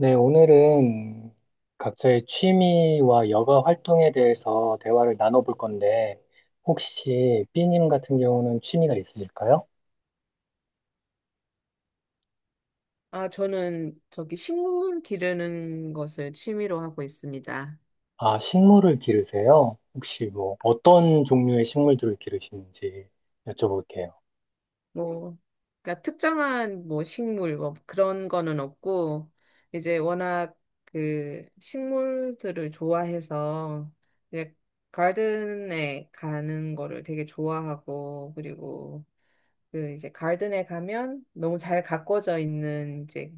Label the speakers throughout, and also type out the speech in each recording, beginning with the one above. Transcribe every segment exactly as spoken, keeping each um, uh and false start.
Speaker 1: 네, 오늘은 각자의 취미와 여가 활동에 대해서 대화를 나눠볼 건데, 혹시 B님 같은 경우는 취미가 있으실까요?
Speaker 2: 아, 저는 저기 식물 기르는 것을 취미로 하고 있습니다.
Speaker 1: 아, 식물을 기르세요? 혹시 뭐 어떤 종류의 식물들을 기르시는지 여쭤볼게요.
Speaker 2: 뭐, 그러니까 특정한 뭐 식물 뭐 그런 거는 없고, 이제 워낙 그 식물들을 좋아해서 이제 가든에 가는 거를 되게 좋아하고, 그리고 그 이제 가든에 가면 너무 잘 가꿔져 있는 이제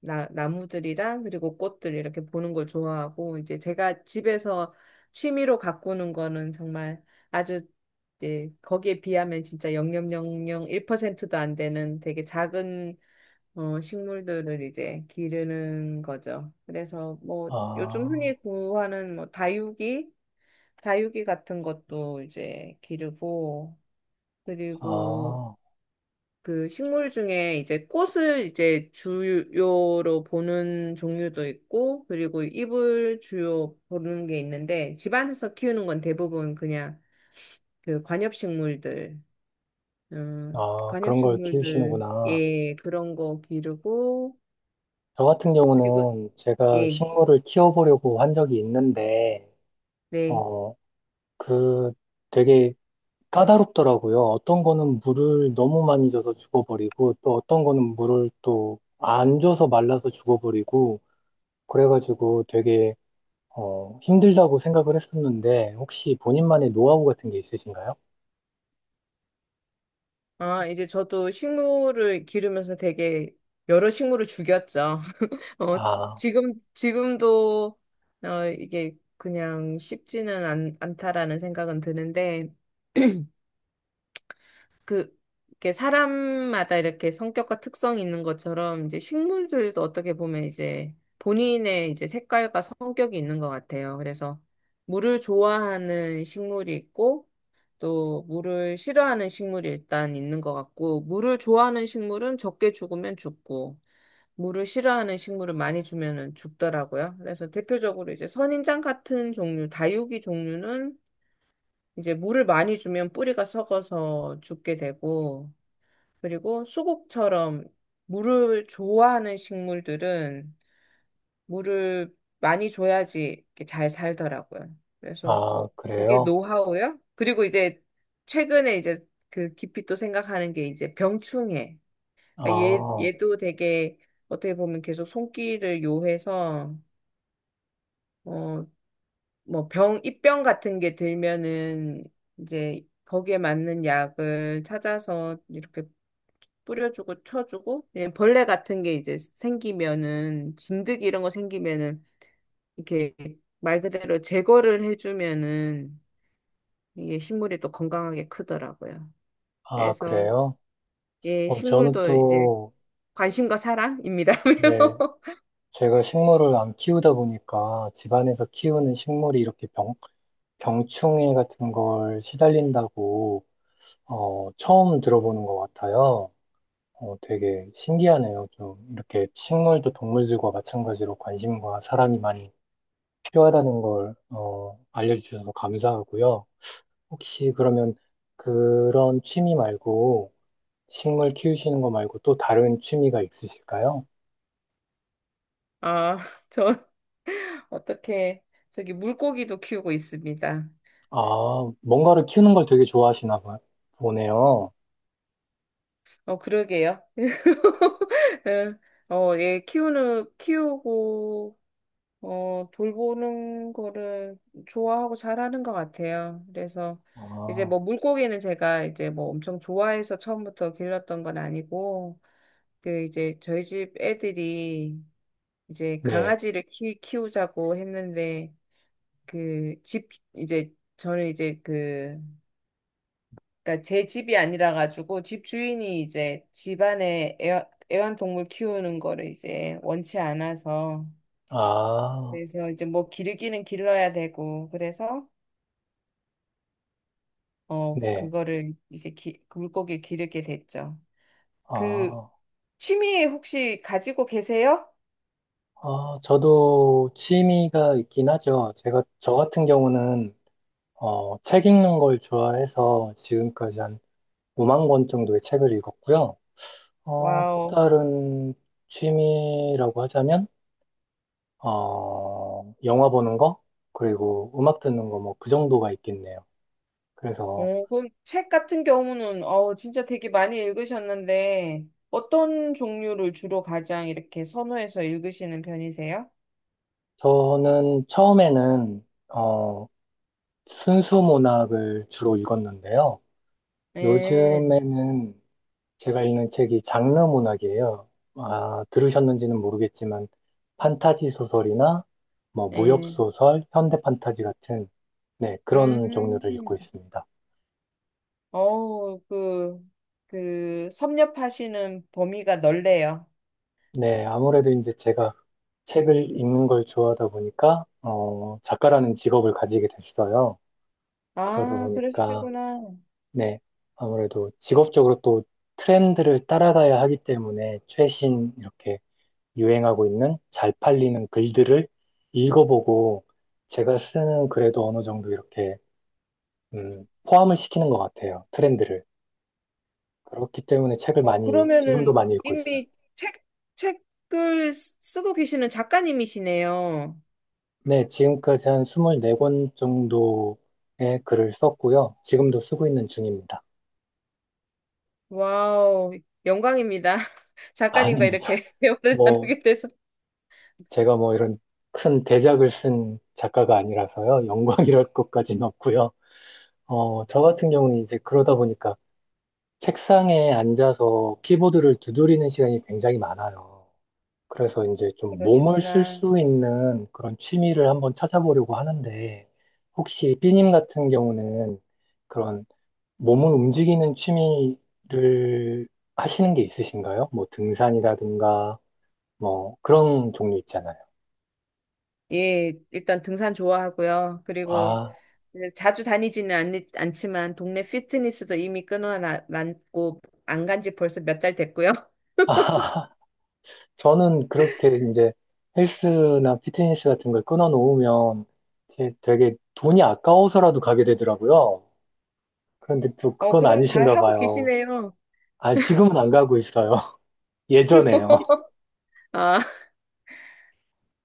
Speaker 2: 나, 나무들이랑 그리고 꽃들 이렇게 보는 걸 좋아하고 이제 제가 집에서 취미로 가꾸는 거는 정말 아주 이제 거기에 비하면 진짜 영 점 영영일 퍼센트도 안 되는 되게 작은 어, 식물들을 이제 기르는 거죠. 그래서 뭐 요즘
Speaker 1: 아,
Speaker 2: 흔히 구하는 뭐 다육이, 다육이 같은 것도 이제 기르고 그리고
Speaker 1: 아,
Speaker 2: 그 식물 중에 이제 꽃을 이제 주요로 보는 종류도 있고, 그리고 잎을 주요 보는 게 있는데, 집안에서 키우는 건 대부분 그냥 그 관엽식물들, 음,
Speaker 1: 아, 그런 걸
Speaker 2: 관엽식물들,
Speaker 1: 키우시는구나.
Speaker 2: 예, 그런 거 기르고,
Speaker 1: 저 같은
Speaker 2: 그리고,
Speaker 1: 경우는 제가
Speaker 2: 예,
Speaker 1: 식물을 키워보려고 한 적이 있는데,
Speaker 2: 네.
Speaker 1: 어, 그 되게 까다롭더라고요. 어떤 거는 물을 너무 많이 줘서 죽어버리고, 또 어떤 거는 물을 또 안 줘서 말라서 죽어버리고, 그래가지고 되게, 어, 힘들다고 생각을 했었는데, 혹시 본인만의 노하우 같은 게 있으신가요?
Speaker 2: 아, 이제 저도 식물을 기르면서 되게 여러 식물을 죽였죠. 어,
Speaker 1: 아,
Speaker 2: 지금, 지금도, 어, 이게 그냥 쉽지는 않, 않다라는 생각은 드는데, 그, 이게 사람마다 이렇게 성격과 특성이 있는 것처럼, 이제 식물들도 어떻게 보면 이제 본인의 이제 색깔과 성격이 있는 것 같아요. 그래서 물을 좋아하는 식물이 있고, 또 물을 싫어하는 식물이 일단 있는 것 같고, 물을 좋아하는 식물은 적게 죽으면 죽고, 물을 싫어하는 식물을 많이 주면은 죽더라고요. 그래서 대표적으로 이제 선인장 같은 종류, 다육이 종류는 이제 물을 많이 주면 뿌리가 썩어서 죽게 되고, 그리고 수국처럼 물을 좋아하는 식물들은 물을 많이 줘야지 이렇게 잘 살더라고요. 그래서
Speaker 1: 아,
Speaker 2: 뭐 이게
Speaker 1: 그래요?
Speaker 2: 노하우요. 그리고 이제 최근에 이제 그 깊이 또 생각하는 게 이제 병충해. 그러니까 얘,
Speaker 1: 아,
Speaker 2: 얘도 되게 어떻게 보면 계속 손길을 요해서, 어, 뭐 병, 입병 같은 게 들면은 이제 거기에 맞는 약을 찾아서 이렇게 뿌려주고 쳐주고, 예, 벌레 같은 게 이제 생기면은, 진드기 이런 거 생기면은 이렇게 말 그대로 제거를 해주면은 이게 식물이 또 건강하게 크더라고요.
Speaker 1: 아,
Speaker 2: 그래서
Speaker 1: 그래요?
Speaker 2: 예,
Speaker 1: 어, 저는
Speaker 2: 식물도 이제
Speaker 1: 또,
Speaker 2: 관심과 사랑입니다요.
Speaker 1: 네, 제가 식물을 안 키우다 보니까 집안에서 키우는 식물이 이렇게 병, 병충해 같은 걸 시달린다고 어, 처음 들어보는 것 같아요. 어, 되게 신기하네요. 좀 이렇게 식물도 동물들과 마찬가지로 관심과 사람이 많이 필요하다는 걸 어, 알려주셔서 감사하고요. 혹시 그러면 그런 취미 말고 식물 키우시는 거 말고 또 다른 취미가 있으실까요?
Speaker 2: 아, 저 어떻게, 저기 물고기도 키우고 있습니다.
Speaker 1: 아, 뭔가를 키우는 걸 되게 좋아하시나 봐- 보네요.
Speaker 2: 어, 그러게요. 예, 어, 예, 키우는, 키우고, 어, 돌보는 거를 좋아하고 잘하는 것 같아요. 그래서 이제
Speaker 1: 아,
Speaker 2: 뭐 물고기는 제가 이제 뭐 엄청 좋아해서 처음부터 길렀던 건 아니고, 그 이제 저희 집 애들이 이제
Speaker 1: 네.
Speaker 2: 강아지를 키, 키우자고 했는데, 그 집, 이제 저는 이제 그 그러니까 제 집이 아니라 가지고 집 주인이 이제 집안에 애완, 애완동물 키우는 거를 이제 원치 않아서
Speaker 1: 아,
Speaker 2: 그래서 이제 뭐 기르기는 길러야 되고 그래서 어
Speaker 1: 네.
Speaker 2: 그거를 이제 기, 그 물고기 기르게 됐죠. 그
Speaker 1: 아.
Speaker 2: 취미 혹시 가지고 계세요?
Speaker 1: 어, 저도 취미가 있긴 하죠. 제가, 저 같은 경우는, 어, 책 읽는 걸 좋아해서 지금까지 한 오만 권 정도의 책을 읽었고요. 어, 또
Speaker 2: 와우.
Speaker 1: 다른 취미라고 하자면, 어, 영화 보는 거, 그리고 음악 듣는 거, 뭐, 그 정도가 있겠네요. 그래서
Speaker 2: 어, 그럼 책 같은 경우는 어 진짜 되게 많이 읽으셨는데 어떤 종류를 주로 가장 이렇게 선호해서 읽으시는 편이세요?
Speaker 1: 저는 처음에는, 어, 순수 문학을 주로 읽었는데요.
Speaker 2: 네,
Speaker 1: 요즘에는 제가 읽는 책이 장르 문학이에요. 아, 들으셨는지는 모르겠지만, 판타지 소설이나, 뭐, 무협
Speaker 2: 네.
Speaker 1: 소설, 현대 판타지 같은, 네, 그런 종류를 읽고
Speaker 2: 음,
Speaker 1: 있습니다.
Speaker 2: 어우, 그, 그, 섭렵하시는 범위가 넓네요.
Speaker 1: 네, 아무래도 이제 제가 책을 읽는 걸 좋아하다 보니까, 어, 작가라는 직업을 가지게 됐어요. 그러다
Speaker 2: 아,
Speaker 1: 보니까,
Speaker 2: 그러시구나.
Speaker 1: 네, 아무래도 직업적으로 또 트렌드를 따라가야 하기 때문에 최신, 이렇게 유행하고 있는 잘 팔리는 글들을 읽어보고 제가 쓰는 글에도 어느 정도 이렇게 음, 포함을 시키는 것 같아요. 트렌드를. 그렇기 때문에 책을
Speaker 2: 어,
Speaker 1: 많이, 지금도
Speaker 2: 그러면은
Speaker 1: 많이 읽고 있어요.
Speaker 2: 이미 책, 책을 쓰- 쓰고 계시는 작가님이시네요.
Speaker 1: 네, 지금까지 한 이십사 권 정도의 글을 썼고요. 지금도 쓰고 있는 중입니다.
Speaker 2: 와우, 영광입니다. 작가님과
Speaker 1: 아닙니다.
Speaker 2: 이렇게 대화를
Speaker 1: 뭐,
Speaker 2: 나누게 돼서.
Speaker 1: 제가 뭐 이런 큰 대작을 쓴 작가가 아니라서요. 영광이랄 것까지는 없고요. 어, 저 같은 경우는 이제 그러다 보니까 책상에 앉아서 키보드를 두드리는 시간이 굉장히 많아요. 그래서 이제 좀 몸을 쓸
Speaker 2: 그러시구나.
Speaker 1: 수 있는 그런 취미를 한번 찾아보려고 하는데, 혹시 삐님 같은 경우는 그런 몸을 움직이는 취미를 하시는 게 있으신가요? 뭐 등산이라든가, 뭐 그런 종류 있잖아요.
Speaker 2: 예, 일단 등산 좋아하고요. 그리고
Speaker 1: 아,
Speaker 2: 네, 자주 다니지는 않, 않지만 동네 피트니스도 이미 끊어놨고 안 간지 벌써 몇 달 됐고요.
Speaker 1: 아, 저는 그렇게 이제 헬스나 피트니스 같은 걸 끊어 놓으면 되게 돈이 아까워서라도 가게 되더라고요. 그런데 또
Speaker 2: 어,
Speaker 1: 그건
Speaker 2: 그럼 잘
Speaker 1: 아니신가
Speaker 2: 하고
Speaker 1: 봐요.
Speaker 2: 계시네요.
Speaker 1: 아, 지금은 안 가고 있어요. 예전에요.
Speaker 2: 아,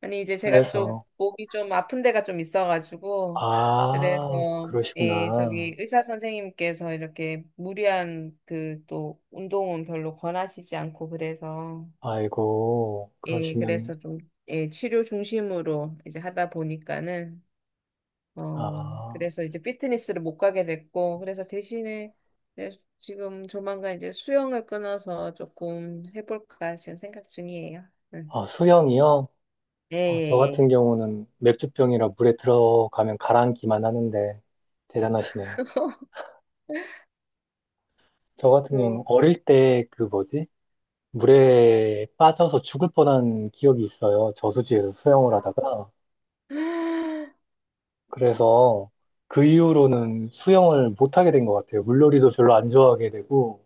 Speaker 2: 아니 이제 제가
Speaker 1: 그래서,
Speaker 2: 좀 목이 좀 아픈 데가 좀 있어가지고
Speaker 1: 아,
Speaker 2: 그래서 예,
Speaker 1: 그러시구나.
Speaker 2: 저기 의사 선생님께서 이렇게 무리한 그 또 운동은 별로 권하시지 않고 그래서
Speaker 1: 아이고,
Speaker 2: 예,
Speaker 1: 그러시면,
Speaker 2: 그래서 좀 예, 치료 중심으로 이제 하다 보니까는 어,
Speaker 1: 아,
Speaker 2: 그래서 이제 피트니스를 못 가게 됐고, 그래서 대신에 이제 지금 조만간 이제 수영을 끊어서 조금 해볼까 지금 생각 중이에요. 응.
Speaker 1: 아, 수영이요?
Speaker 2: 예,
Speaker 1: 어, 저
Speaker 2: 예, 예.
Speaker 1: 같은 경우는 맥주병이라 물에 들어가면 가라앉기만 하는데 대단하시네요. 저 같은 경우는
Speaker 2: 그,
Speaker 1: 어릴 때 그 뭐지? 물에 빠져서 죽을 뻔한 기억이 있어요. 저수지에서 수영을 하다가.
Speaker 2: 아,
Speaker 1: 그래서 그 이후로는 수영을 못하게 된 것 같아요. 물놀이도 별로 안 좋아하게 되고,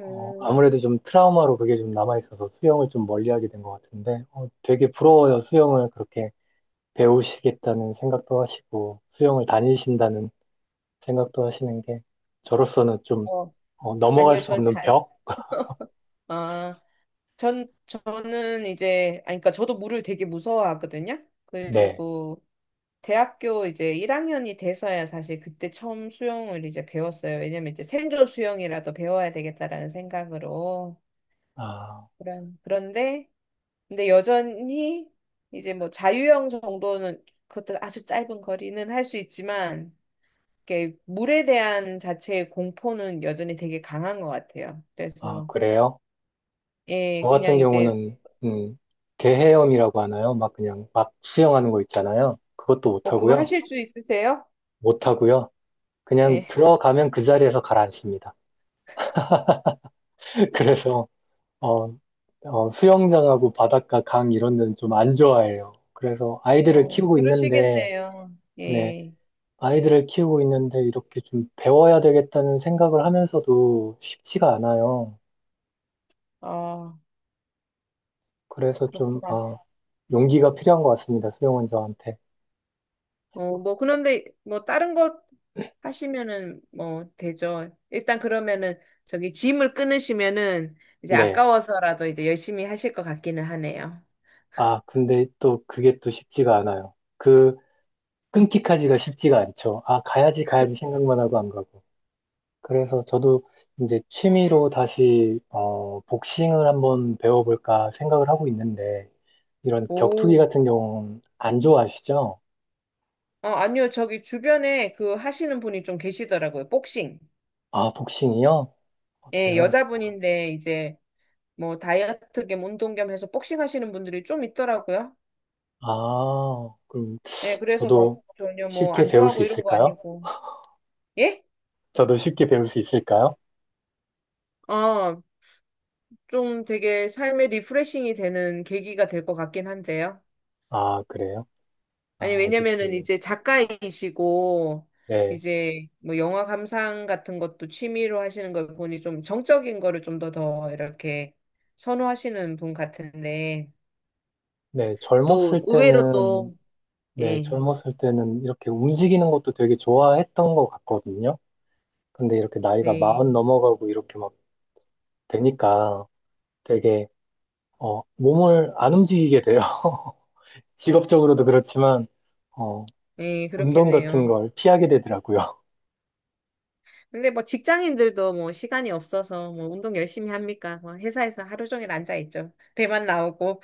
Speaker 1: 어, 아무래도 좀 트라우마로 그게 좀 남아있어서 수영을 좀 멀리하게 된 것 같은데, 어, 되게 부러워요. 수영을 그렇게 배우시겠다는 생각도 하시고, 수영을 다니신다는 생각도 하시는 게, 저로서는 좀
Speaker 2: 어,
Speaker 1: 어, 넘어갈
Speaker 2: 아니요,
Speaker 1: 수
Speaker 2: 전
Speaker 1: 없는
Speaker 2: 잘,
Speaker 1: 벽?
Speaker 2: 아, 전, 저는 이제, 아니, 그러니까 저도 물을 되게 무서워하거든요.
Speaker 1: 네.
Speaker 2: 그리고 대학교 이제 일 학년이 돼서야 사실 그때 처음 수영을 이제 배웠어요. 왜냐면 이제 생존 수영이라도 배워야 되겠다라는 생각으로.
Speaker 1: 아,
Speaker 2: 그런, 그런데, 근데 여전히 이제 뭐 자유형 정도는 그것도 아주 짧은 거리는 할 수 있지만, 이렇게 물에 대한 자체의 공포는 여전히 되게 강한 것 같아요.
Speaker 1: 아,
Speaker 2: 그래서,
Speaker 1: 그래요? 저
Speaker 2: 예,
Speaker 1: 같은
Speaker 2: 그냥 이제,
Speaker 1: 경우는, 음, 개헤엄이라고 하나요? 막 그냥 막 수영하는 거 있잖아요. 그것도
Speaker 2: 어, 그거
Speaker 1: 못하고요.
Speaker 2: 하실 수 있으세요?
Speaker 1: 못하고요. 그냥
Speaker 2: 예,
Speaker 1: 들어가면 그 자리에서 가라앉습니다. 그래서 어, 어, 수영장하고 바닷가, 강 이런 데는 좀 안 좋아해요. 그래서 아이들을
Speaker 2: 어,
Speaker 1: 키우고 있는데,
Speaker 2: 그러시겠네요.
Speaker 1: 네,
Speaker 2: 예,
Speaker 1: 아이들을 키우고 있는데 이렇게 좀 배워야 되겠다는 생각을 하면서도 쉽지가 않아요.
Speaker 2: 어,
Speaker 1: 그래서 좀,
Speaker 2: 그렇구나.
Speaker 1: 아, 용기가 필요한 것 같습니다. 수영원 저한테.
Speaker 2: 어, 뭐, 그런데, 뭐, 다른 것 하시면은, 뭐, 되죠. 일단 그러면은, 저기, 짐을 끊으시면은, 이제
Speaker 1: 네.
Speaker 2: 아까워서라도 이제 열심히 하실 것 같기는 하네요.
Speaker 1: 아, 근데 또 그게 또 쉽지가 않아요. 그 끊기까지가 쉽지가 않죠. 아, 가야지, 가야지 생각만 하고 안 가고. 그래서 저도 이제 취미로 다시 어, 복싱을 한번 배워볼까 생각을 하고 있는데 이런 격투기
Speaker 2: 오.
Speaker 1: 같은 경우는 안 좋아하시죠?
Speaker 2: 어, 아니요. 저기, 주변에 그 하시는 분이 좀 계시더라고요. 복싱.
Speaker 1: 아, 복싱이요? 어,
Speaker 2: 예,
Speaker 1: 대단하시다.
Speaker 2: 여자분인데, 이제, 뭐, 다이어트 겸 운동 겸 해서 복싱 하시는 분들이 좀 있더라고요.
Speaker 1: 아, 그럼
Speaker 2: 예, 그래서 막,
Speaker 1: 저도
Speaker 2: 전혀 뭐,
Speaker 1: 쉽게
Speaker 2: 안
Speaker 1: 배울 수
Speaker 2: 좋아하고 이런 거
Speaker 1: 있을까요?
Speaker 2: 아니고. 예?
Speaker 1: 저도 쉽게 배울 수 있을까요?
Speaker 2: 어, 좀 되게 삶의 리프레싱이 되는 계기가 될 것 같긴 한데요.
Speaker 1: 아, 그래요?
Speaker 2: 아니,
Speaker 1: 아,
Speaker 2: 왜냐면은
Speaker 1: 알겠습니다.
Speaker 2: 이제 작가이시고,
Speaker 1: 네.
Speaker 2: 이제 뭐 영화 감상 같은 것도 취미로 하시는 걸 보니 좀 정적인 거를 좀 더 더 이렇게 선호하시는 분 같은데,
Speaker 1: 네,
Speaker 2: 또
Speaker 1: 젊었을
Speaker 2: 의외로
Speaker 1: 때는,
Speaker 2: 또,
Speaker 1: 네,
Speaker 2: 예,
Speaker 1: 젊었을 때는 이렇게 움직이는 것도 되게 좋아했던 것 같거든요. 근데 이렇게 나이가
Speaker 2: 네,
Speaker 1: 마흔 넘어가고 이렇게 막 되니까 되게 어, 몸을 안 움직이게 돼요. 직업적으로도 그렇지만 어,
Speaker 2: 네,
Speaker 1: 운동 같은
Speaker 2: 그렇겠네요.
Speaker 1: 걸 피하게 되더라고요.
Speaker 2: 근데 뭐 직장인들도 뭐 시간이 없어서 뭐 운동 열심히 합니까? 뭐 회사에서 하루 종일 앉아 있죠. 배만 나오고.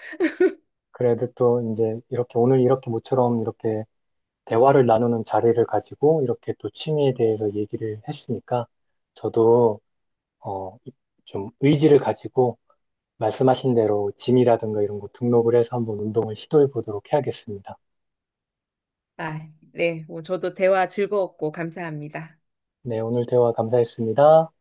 Speaker 1: 그래도 또 이제 이렇게 오늘 이렇게 모처럼 이렇게 대화를 나누는 자리를 가지고 이렇게 또 취미에 대해서 얘기를 했으니까 저도 어, 좀 의지를 가지고 말씀하신 대로 짐이라든가 이런 거 등록을 해서 한번 운동을 시도해 보도록 해야겠습니다.
Speaker 2: 아, 네. 뭐 저도 대화 즐거웠고 감사합니다.
Speaker 1: 네, 오늘 대화 감사했습니다.